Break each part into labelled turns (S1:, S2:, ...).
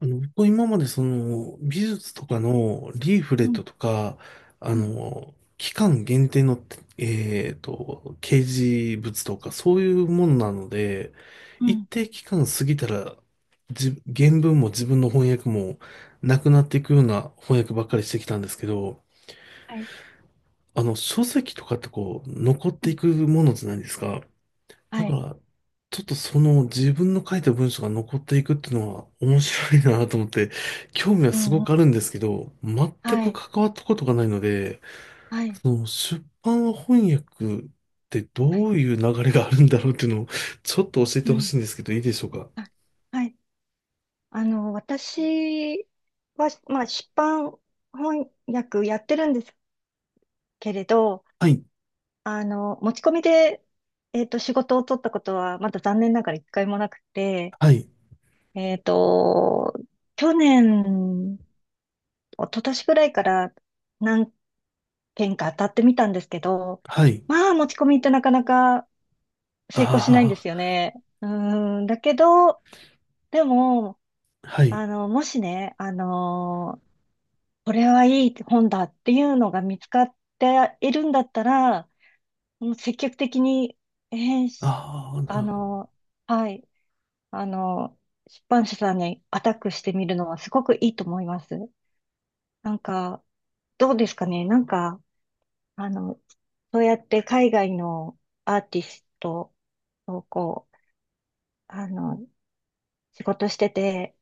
S1: 僕今までその美術と
S2: は
S1: か
S2: い。
S1: のリーフレ
S2: う
S1: ッ
S2: ん、
S1: トとか、
S2: うん、
S1: 期間限定の、掲示物とかそういうものなので、
S2: う
S1: 一
S2: ん。
S1: 定期間過ぎたら、原文も自分の翻訳もなくなっていくような翻訳ばっかりしてきたんですけど、
S2: はい。
S1: 書籍とかってこう、残っ
S2: う
S1: てい
S2: ん、
S1: くものじゃないですか。だ
S2: は
S1: か
S2: い。
S1: ら、ちょっとその自分の書いた文章が残っていくっていうのは面白いなと思って、興味は
S2: う
S1: す
S2: ん、
S1: ご
S2: うん。
S1: くあるんですけど、全
S2: は
S1: く
S2: い。
S1: 関わったことがないので、
S2: はい。
S1: その出版翻訳って
S2: は
S1: ど
S2: い。
S1: ういう流れがあるんだろうっていうのをちょっと教え
S2: う
S1: てほ
S2: ん。
S1: しいんですけど、いいでしょうか？
S2: あ、はい。私は、まあ、出版翻訳やってるんですけれど、
S1: はい、
S2: 持ち込みで、仕事を取ったことは、まだ残念ながら1回もなくて、
S1: はい、
S2: えっと、去年、一昨年ぐらいから何件か当たってみたんですけど、
S1: はい、
S2: まあ、持ち込みってなかなか成功しないんで
S1: あ
S2: すよね。うーん、だけど、でも、
S1: あ、はい、
S2: もしね、これはいい本だっていうのが見つかっているんだったら、もう積極的に、編集
S1: ああ、な
S2: あ
S1: るほど。
S2: のーはい、あの出版社さんにアタックしてみるのはすごくいいと思います。なんか、どうですかね、なんか、あの、そうやって海外のアーティストをこう、あの、仕事してて、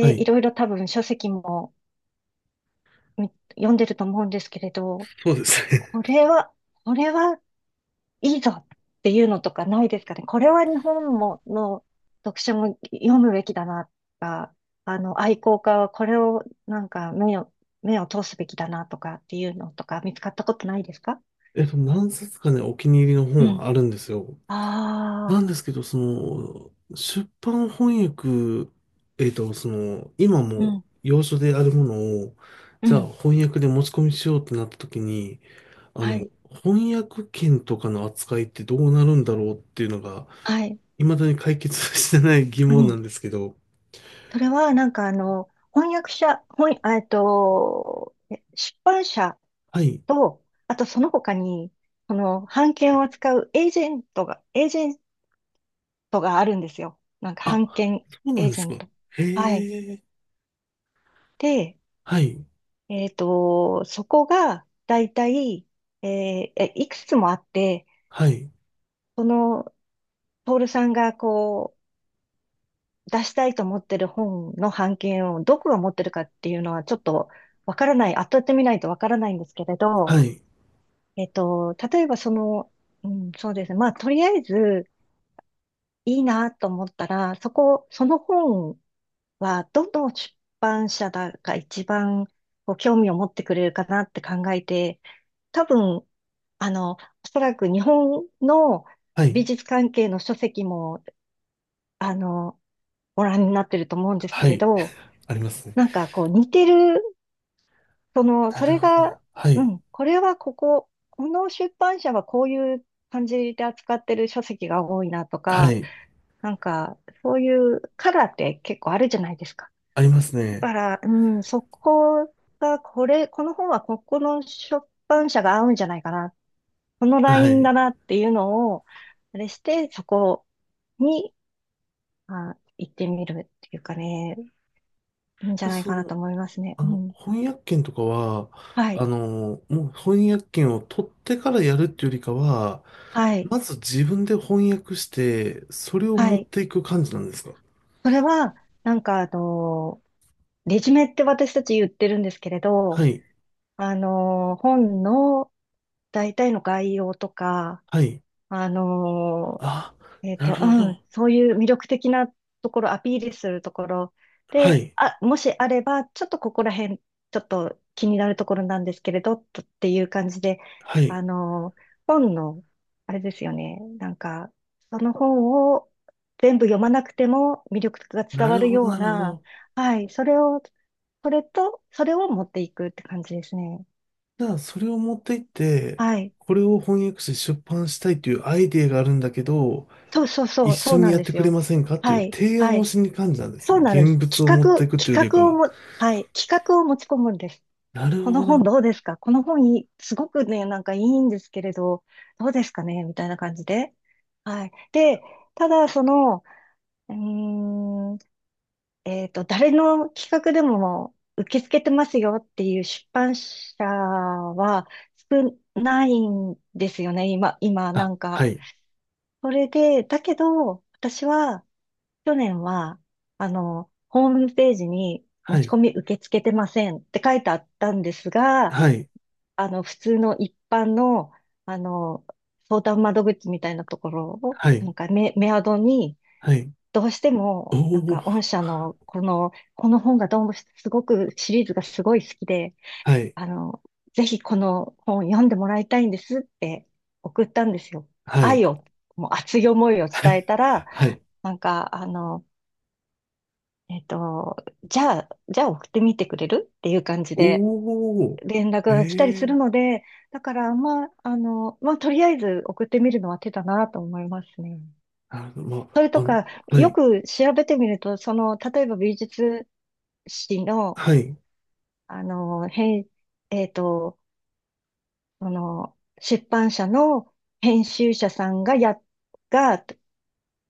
S1: はい、
S2: いろいろ多分書籍もみ読んでると思うんですけれど、
S1: そうですね。
S2: これは、これはいいぞっていうのとかないですかね。これは日本もの読書も読むべきだなとか、愛好家はこれをなんか目を通すべきだなとかっていうのとか見つかったことないですか？
S1: 何冊かね、お気に入りの本は
S2: う
S1: あるんですよ。なん
S2: ん、ああ、
S1: ですけど、その、出版翻訳、その、今
S2: う
S1: も
S2: ん、
S1: 要所であるものを、
S2: う
S1: じゃあ
S2: ん。
S1: 翻訳で持ち込みしようってなった時に、あ
S2: は
S1: の、
S2: い。
S1: 翻訳権とかの扱いってどうなるんだろうっていうのが、
S2: はい。
S1: 未だに解決してない疑
S2: う
S1: 問なん
S2: ん。
S1: ですけど、
S2: それは、なんか、翻訳者、翻、あえっと、え出版社
S1: はい。
S2: と、あとその他に、その、版権を扱うエージェントがあるんですよ。なんか、
S1: あ、
S2: 版権
S1: そうな
S2: エ
S1: ん
S2: ー
S1: で
S2: ジ
S1: す
S2: ェ
S1: か。
S2: ン
S1: へ
S2: ト。はい。
S1: え。
S2: で、
S1: はい。
S2: そこが、だいたい、えーえいくつもあって、
S1: はい。
S2: その、トールさんが、こう、出したいと思ってる本の版権をどこが持ってるかっていうのは、ちょっと、わからない、当たってみないとわからないんですけれど、
S1: はい。
S2: 例えばその、うん、そうですね。まあ、とりあえずいいなと思ったら、その本はどの出版社だが一番こう興味を持ってくれるかなって考えて、多分、おそらく日本の
S1: は
S2: 美
S1: い。
S2: 術関係の書籍も、あの、ご覧になってると思うんですけ
S1: は
S2: れ
S1: い。
S2: ど、
S1: ありますね。
S2: なんかこう似てるその、
S1: な
S2: そ
S1: る
S2: れ
S1: ほど
S2: が、
S1: な。は
S2: う
S1: い。
S2: ん、これはこの出版社はこういう感じで扱ってる書籍が多いなと
S1: は
S2: か、
S1: い。
S2: なんか、そういうカラーって結構あるじゃないですか。
S1: あります
S2: だ
S1: ね。
S2: から、うん、そこが、この本はここの出版社が合うんじゃないかな。このラ
S1: は
S2: イン
S1: い。
S2: だなっていうのを、あれして、そこに、あ、行ってみるっていうかね、いいんじゃ
S1: で
S2: ない
S1: そ
S2: かな
S1: の、
S2: と思いますね。うん。
S1: 翻訳権とかは、
S2: はい。
S1: もう翻訳権を取ってからやるっていうよりかは、
S2: はい。
S1: まず自分で翻訳して、それを
S2: は
S1: 持っ
S2: い。
S1: ていく感じなんですか？
S2: それは、なんか、レジュメって私たち言ってるんですけれ
S1: は
S2: ど、
S1: い、
S2: 本の大体の概要とか、
S1: はい。
S2: あの、
S1: あ、なるほ
S2: うん、
S1: ど。
S2: そういう魅力的なところ、アピールするところ
S1: は
S2: で、
S1: い、
S2: あ、もしあれば、ちょっとここら辺、ちょっと気になるところなんですけれど、とっていう感じで、
S1: は
S2: あ
S1: い。
S2: の、本の、あれですよね、なんか、その本を全部読まなくても魅力が伝
S1: な
S2: わ
S1: る
S2: る
S1: ほど、
S2: よう
S1: なるほ
S2: な、
S1: ど。
S2: はい、それを持っていくって感じですね。
S1: じゃあ、それを持っていって、
S2: はい。
S1: これを翻訳して出版したいというアイデアがあるんだけど、
S2: そうそう
S1: 一
S2: そう、
S1: 緒
S2: そう
S1: に
S2: なん
S1: やっ
S2: で
S1: て
S2: す
S1: くれ
S2: よ。
S1: ませんかってい
S2: は
S1: う
S2: い、
S1: 提
S2: は
S1: 案を
S2: い。
S1: しに感じなんです
S2: そ
S1: ね。
S2: うなんで
S1: 現
S2: す。
S1: 物を
S2: 企
S1: 持っ
S2: 画、
S1: ていくっていうより
S2: 企
S1: か
S2: 画を
S1: は。
S2: も、はい、企画を持ち込むんです。
S1: なる
S2: この
S1: ほ
S2: 本
S1: ど。
S2: どうですか、この本いい、すごくね、なんかいいんですけれど、どうですかねみたいな感じで。はい。で、ただ、その、うーん、誰の企画でも受け付けてますよっていう出版社は少ないんですよね、今、な
S1: あ、
S2: ん
S1: は
S2: か。
S1: い。
S2: それで、だけど、私は、去年は、ホームページに持
S1: は
S2: ち
S1: い、
S2: 込み受け付けてませんって書いてあったんですが、
S1: はい、
S2: 普通の一般の、あの、相談窓口みたいなところを、
S1: は
S2: な
S1: い、
S2: んかメアドに、
S1: はい。
S2: どうして
S1: お
S2: も、なんか、
S1: お、
S2: 御社の、この本がどうもすごく、シリーズがすごい好きで、
S1: はい、
S2: あの、ぜひこの本読んでもらいたいんですって送ったんですよ。
S1: はい、
S2: 愛を、もう熱い思いを伝え たら、
S1: はい。
S2: なんか、えっと、じゃあ送ってみてくれるっていう感じで
S1: お
S2: 連絡
S1: お、え
S2: が来たりするの
S1: え、
S2: で、だから、まあ、まあ、とりあえず送ってみるのは手だなと思いますね。
S1: なるほど。ま
S2: それ
S1: あ、
S2: とか、
S1: は
S2: よ
S1: い、
S2: く調べてみると、その、例えば美術誌の、
S1: はい、
S2: あの、編、えっと、その、出版社の編集者さんが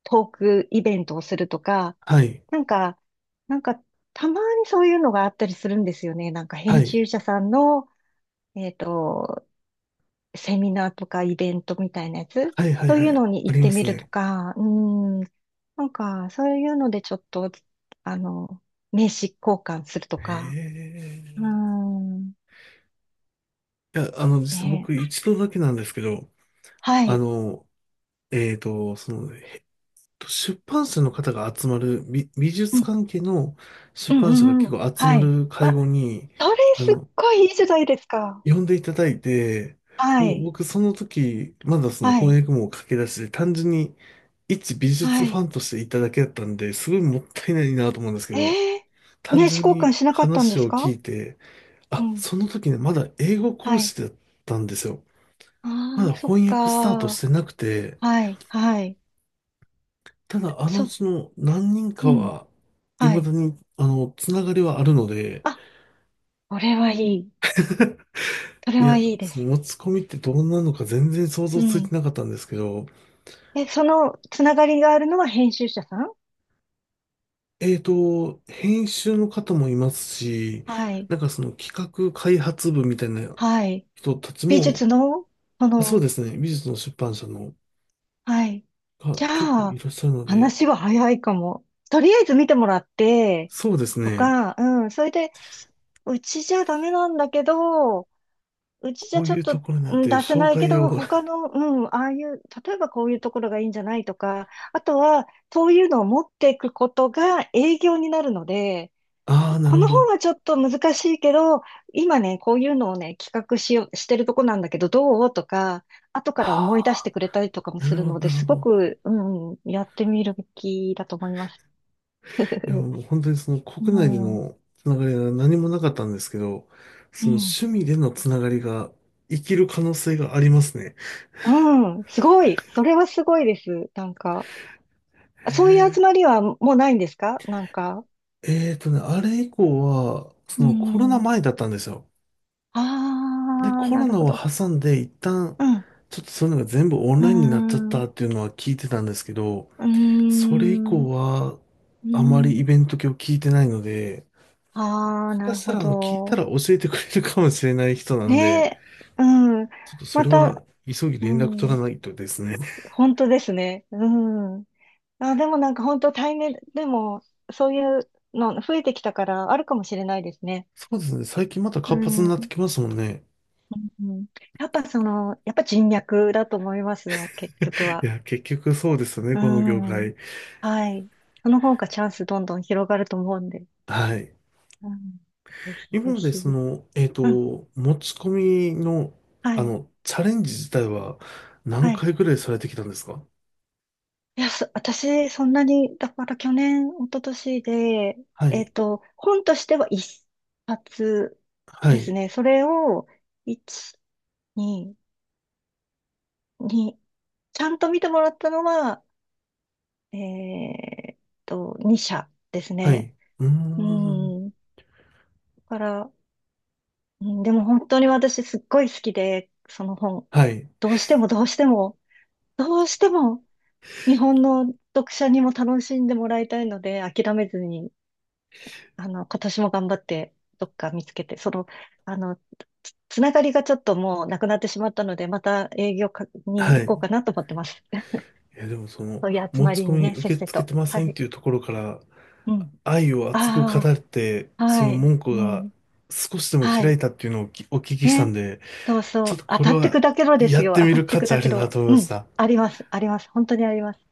S2: トークイベントをするとか、
S1: はい、
S2: なんか、なんか、たまにそういうのがあったりするんですよね。なんか
S1: は
S2: 編
S1: い、
S2: 集者さんの、えっと、セミナーとかイベントみたいなやつ、
S1: はい、はい、
S2: そう
S1: は
S2: いうの
S1: い、
S2: に
S1: あ
S2: 行っ
S1: りま
S2: てみ
S1: す
S2: ると
S1: ね。
S2: か、うん、なんか、そういうのでちょっと、あの、名刺交換するとか、
S1: え
S2: う
S1: え、
S2: ん、
S1: いや、実は
S2: ね、
S1: 僕一度だけなんですけど、
S2: は
S1: あ
S2: い、
S1: の、その、出版社の方が集まる、美
S2: う
S1: 術
S2: ん、
S1: 関係の出
S2: うん、う
S1: 版社が
S2: ん、
S1: 結
S2: うん、
S1: 構集ま
S2: はい。
S1: る会
S2: あ、
S1: 合に、
S2: それ
S1: あ
S2: すっ
S1: の、
S2: ごいいいじゃないですか。
S1: 呼んでいただいて、
S2: は
S1: もう
S2: い、
S1: 僕その時、まだその
S2: はい、
S1: 翻訳も駆け出しで、単純に一美術
S2: は
S1: ファン
S2: い。
S1: としていただけだったんで、すごいもったいないなと思うんですけど、
S2: ええ、
S1: 単
S2: 名刺
S1: 純
S2: 交換
S1: に
S2: しなかったんで
S1: 話
S2: す
S1: を聞
S2: か？
S1: いて、
S2: う
S1: あ、
S2: ん。
S1: その時ね、まだ英語講
S2: はい。
S1: 師だったんですよ。
S2: あ
S1: ま
S2: あ、
S1: だ
S2: そっ
S1: 翻訳スタートし
S2: か。
S1: てなくて、
S2: はい、はい。
S1: ただあのう
S2: そ、
S1: ちの何人
S2: う
S1: か
S2: ん、
S1: は、
S2: は
S1: 未だ
S2: い。
S1: に、つながりはあるので、
S2: あ、これはいい。それ
S1: い
S2: は
S1: や、
S2: いいで
S1: そ
S2: す。
S1: の持ち込みってどんなのか全然想
S2: う
S1: 像つい
S2: ん。
S1: てなかったんですけど、
S2: え、そのつながりがあるのは編集者さん？
S1: 編集の方もいますし、
S2: はい、
S1: なんかその企画開発部みたいな
S2: はい。
S1: 人たち
S2: 美
S1: も、
S2: 術の、そ
S1: あ、そう
S2: の、
S1: ですね、美術の出版社の
S2: はい。
S1: が
S2: じゃ
S1: 結構い
S2: あ、
S1: らっしゃるので、
S2: 話は早いかも。とりあえず見てもらって、
S1: そうです
S2: と
S1: ね、
S2: か、うん、それで、うちじゃダメなんだけど、うちじ
S1: こ
S2: ゃ
S1: う
S2: ちょ
S1: い
S2: っ
S1: うと
S2: と、
S1: ころにな
S2: う
S1: っ
S2: ん、
S1: て
S2: 出せ
S1: 紹
S2: ないけ
S1: 介
S2: ど、
S1: を、
S2: 他の、うん、ああいう、例えばこういうところがいいんじゃないとか、あとは、そういうのを持っていくことが営業になるので、
S1: ああ、な
S2: こ
S1: るほ
S2: の本
S1: ど。
S2: はちょっと難しいけど、今ね、こういうのをね、企画しよう、してるとこなんだけど、どうとか、後から思い出し
S1: あ
S2: てくれたりとかも
S1: あ、な
S2: す
S1: るほ
S2: る
S1: ど、
S2: の
S1: な
S2: で、
S1: るほ
S2: すご
S1: ど。
S2: く、うん、やってみるべきだと思います。
S1: いや、もう本当にその
S2: う
S1: 国内で
S2: ん、う
S1: のつながりが何もなかったんですけど、
S2: ん、
S1: その趣味でのつながりが生きる可能性がありますね。
S2: うん、すごい。それはすごいです。なんか。あ、
S1: へ
S2: そういう集ま
S1: え、
S2: りはもうないんですか、なんか？
S1: えーとね、あれ以降は、そ
S2: う
S1: のコロナ
S2: ん。
S1: 前だったんですよ。で、
S2: ああ、
S1: コ
S2: な
S1: ロ
S2: る
S1: ナ
S2: ほ
S1: を
S2: ど。
S1: 挟んで一旦、
S2: うん。う
S1: ちょっとそういうのが全部オン
S2: ー
S1: ラインになっちゃった
S2: ん。
S1: っていうのは聞いてたんですけど、
S2: うー
S1: それ以
S2: ん。
S1: 降は、
S2: うー
S1: あまりイ
S2: ん。
S1: ベント系を聞いてないので、も
S2: ああ、
S1: し
S2: な
S1: か
S2: る
S1: した
S2: ほ
S1: ら、聞いた
S2: ど。
S1: ら教えてくれるかもしれない人な
S2: ね
S1: んで、
S2: え。うん。
S1: ちょっとそ
S2: ま
S1: れは
S2: た、
S1: 急ぎ
S2: う
S1: 連絡取ら
S2: ん。
S1: ないとですね。
S2: 本当ですね。うん。あ、でもなんか本当対面、でも、そういうの増えてきたからあるかもしれないですね。
S1: そうですね、最近また
S2: う
S1: 活発
S2: ん。
S1: になって
S2: う
S1: きますもんね。
S2: ん。やっぱ人脈だと思いますよ、結局
S1: い
S2: は。
S1: や、結局そうですよね、
S2: う
S1: この業
S2: ん。
S1: 界。
S2: はい。その方がチャンスどんどん広がると思うんで。
S1: はい。
S2: うん。ぜひぜ
S1: 今まで
S2: ひ。
S1: そ
S2: う
S1: の、
S2: ん。
S1: 持ち込みの、
S2: はい。
S1: チャレンジ自体は何
S2: はい。
S1: 回ぐらいされてきたんですか？
S2: いや、私、そんなに、だから去年、一昨年で、
S1: はい、
S2: 本としては1冊
S1: は
S2: です
S1: い、
S2: ね。それを、一、二、二、ちゃんと見てもらったのは、えっ2社です
S1: は
S2: ね。
S1: い。うー
S2: う
S1: ん、
S2: ん。だから、うん、でも本当に私すっごい好きで、その本。
S1: はい、
S2: どうしてもどうしても、どうしても日本の読者にも楽しんでもらいたいので、諦めずに、今年も頑張ってどっか見つけて、その、あの、つながりがちょっともうなくなってしまったので、また営業かに
S1: は
S2: 行こ
S1: い。
S2: うかなと思ってます。
S1: いや、でもその、
S2: そういう集
S1: 持
S2: ま
S1: ち
S2: り
S1: 込
S2: に
S1: み
S2: ね、せっ
S1: 受け
S2: せ
S1: 付け
S2: と。
S1: てま
S2: は
S1: せんっ
S2: い。
S1: ていうところから、
S2: うん。
S1: 愛を熱く語
S2: あ
S1: って、
S2: あ、
S1: そ
S2: は
S1: の
S2: い。
S1: 門戸
S2: う
S1: が
S2: ん。
S1: 少しでも
S2: は
S1: 開い
S2: い。
S1: たっていうのをお聞きしたん
S2: ね。
S1: で、
S2: そうそ
S1: ちょっ
S2: う。
S1: と
S2: 当
S1: こ
S2: た
S1: れ
S2: って
S1: は
S2: 砕けろで
S1: や
S2: す
S1: っ
S2: よ。
S1: て
S2: 当
S1: み
S2: た
S1: る
S2: って
S1: 価値
S2: 砕
S1: あ
S2: け
S1: るな
S2: ろ。
S1: と思いま
S2: う
S1: し
S2: ん。
S1: た。
S2: あります。あります。本当にあります。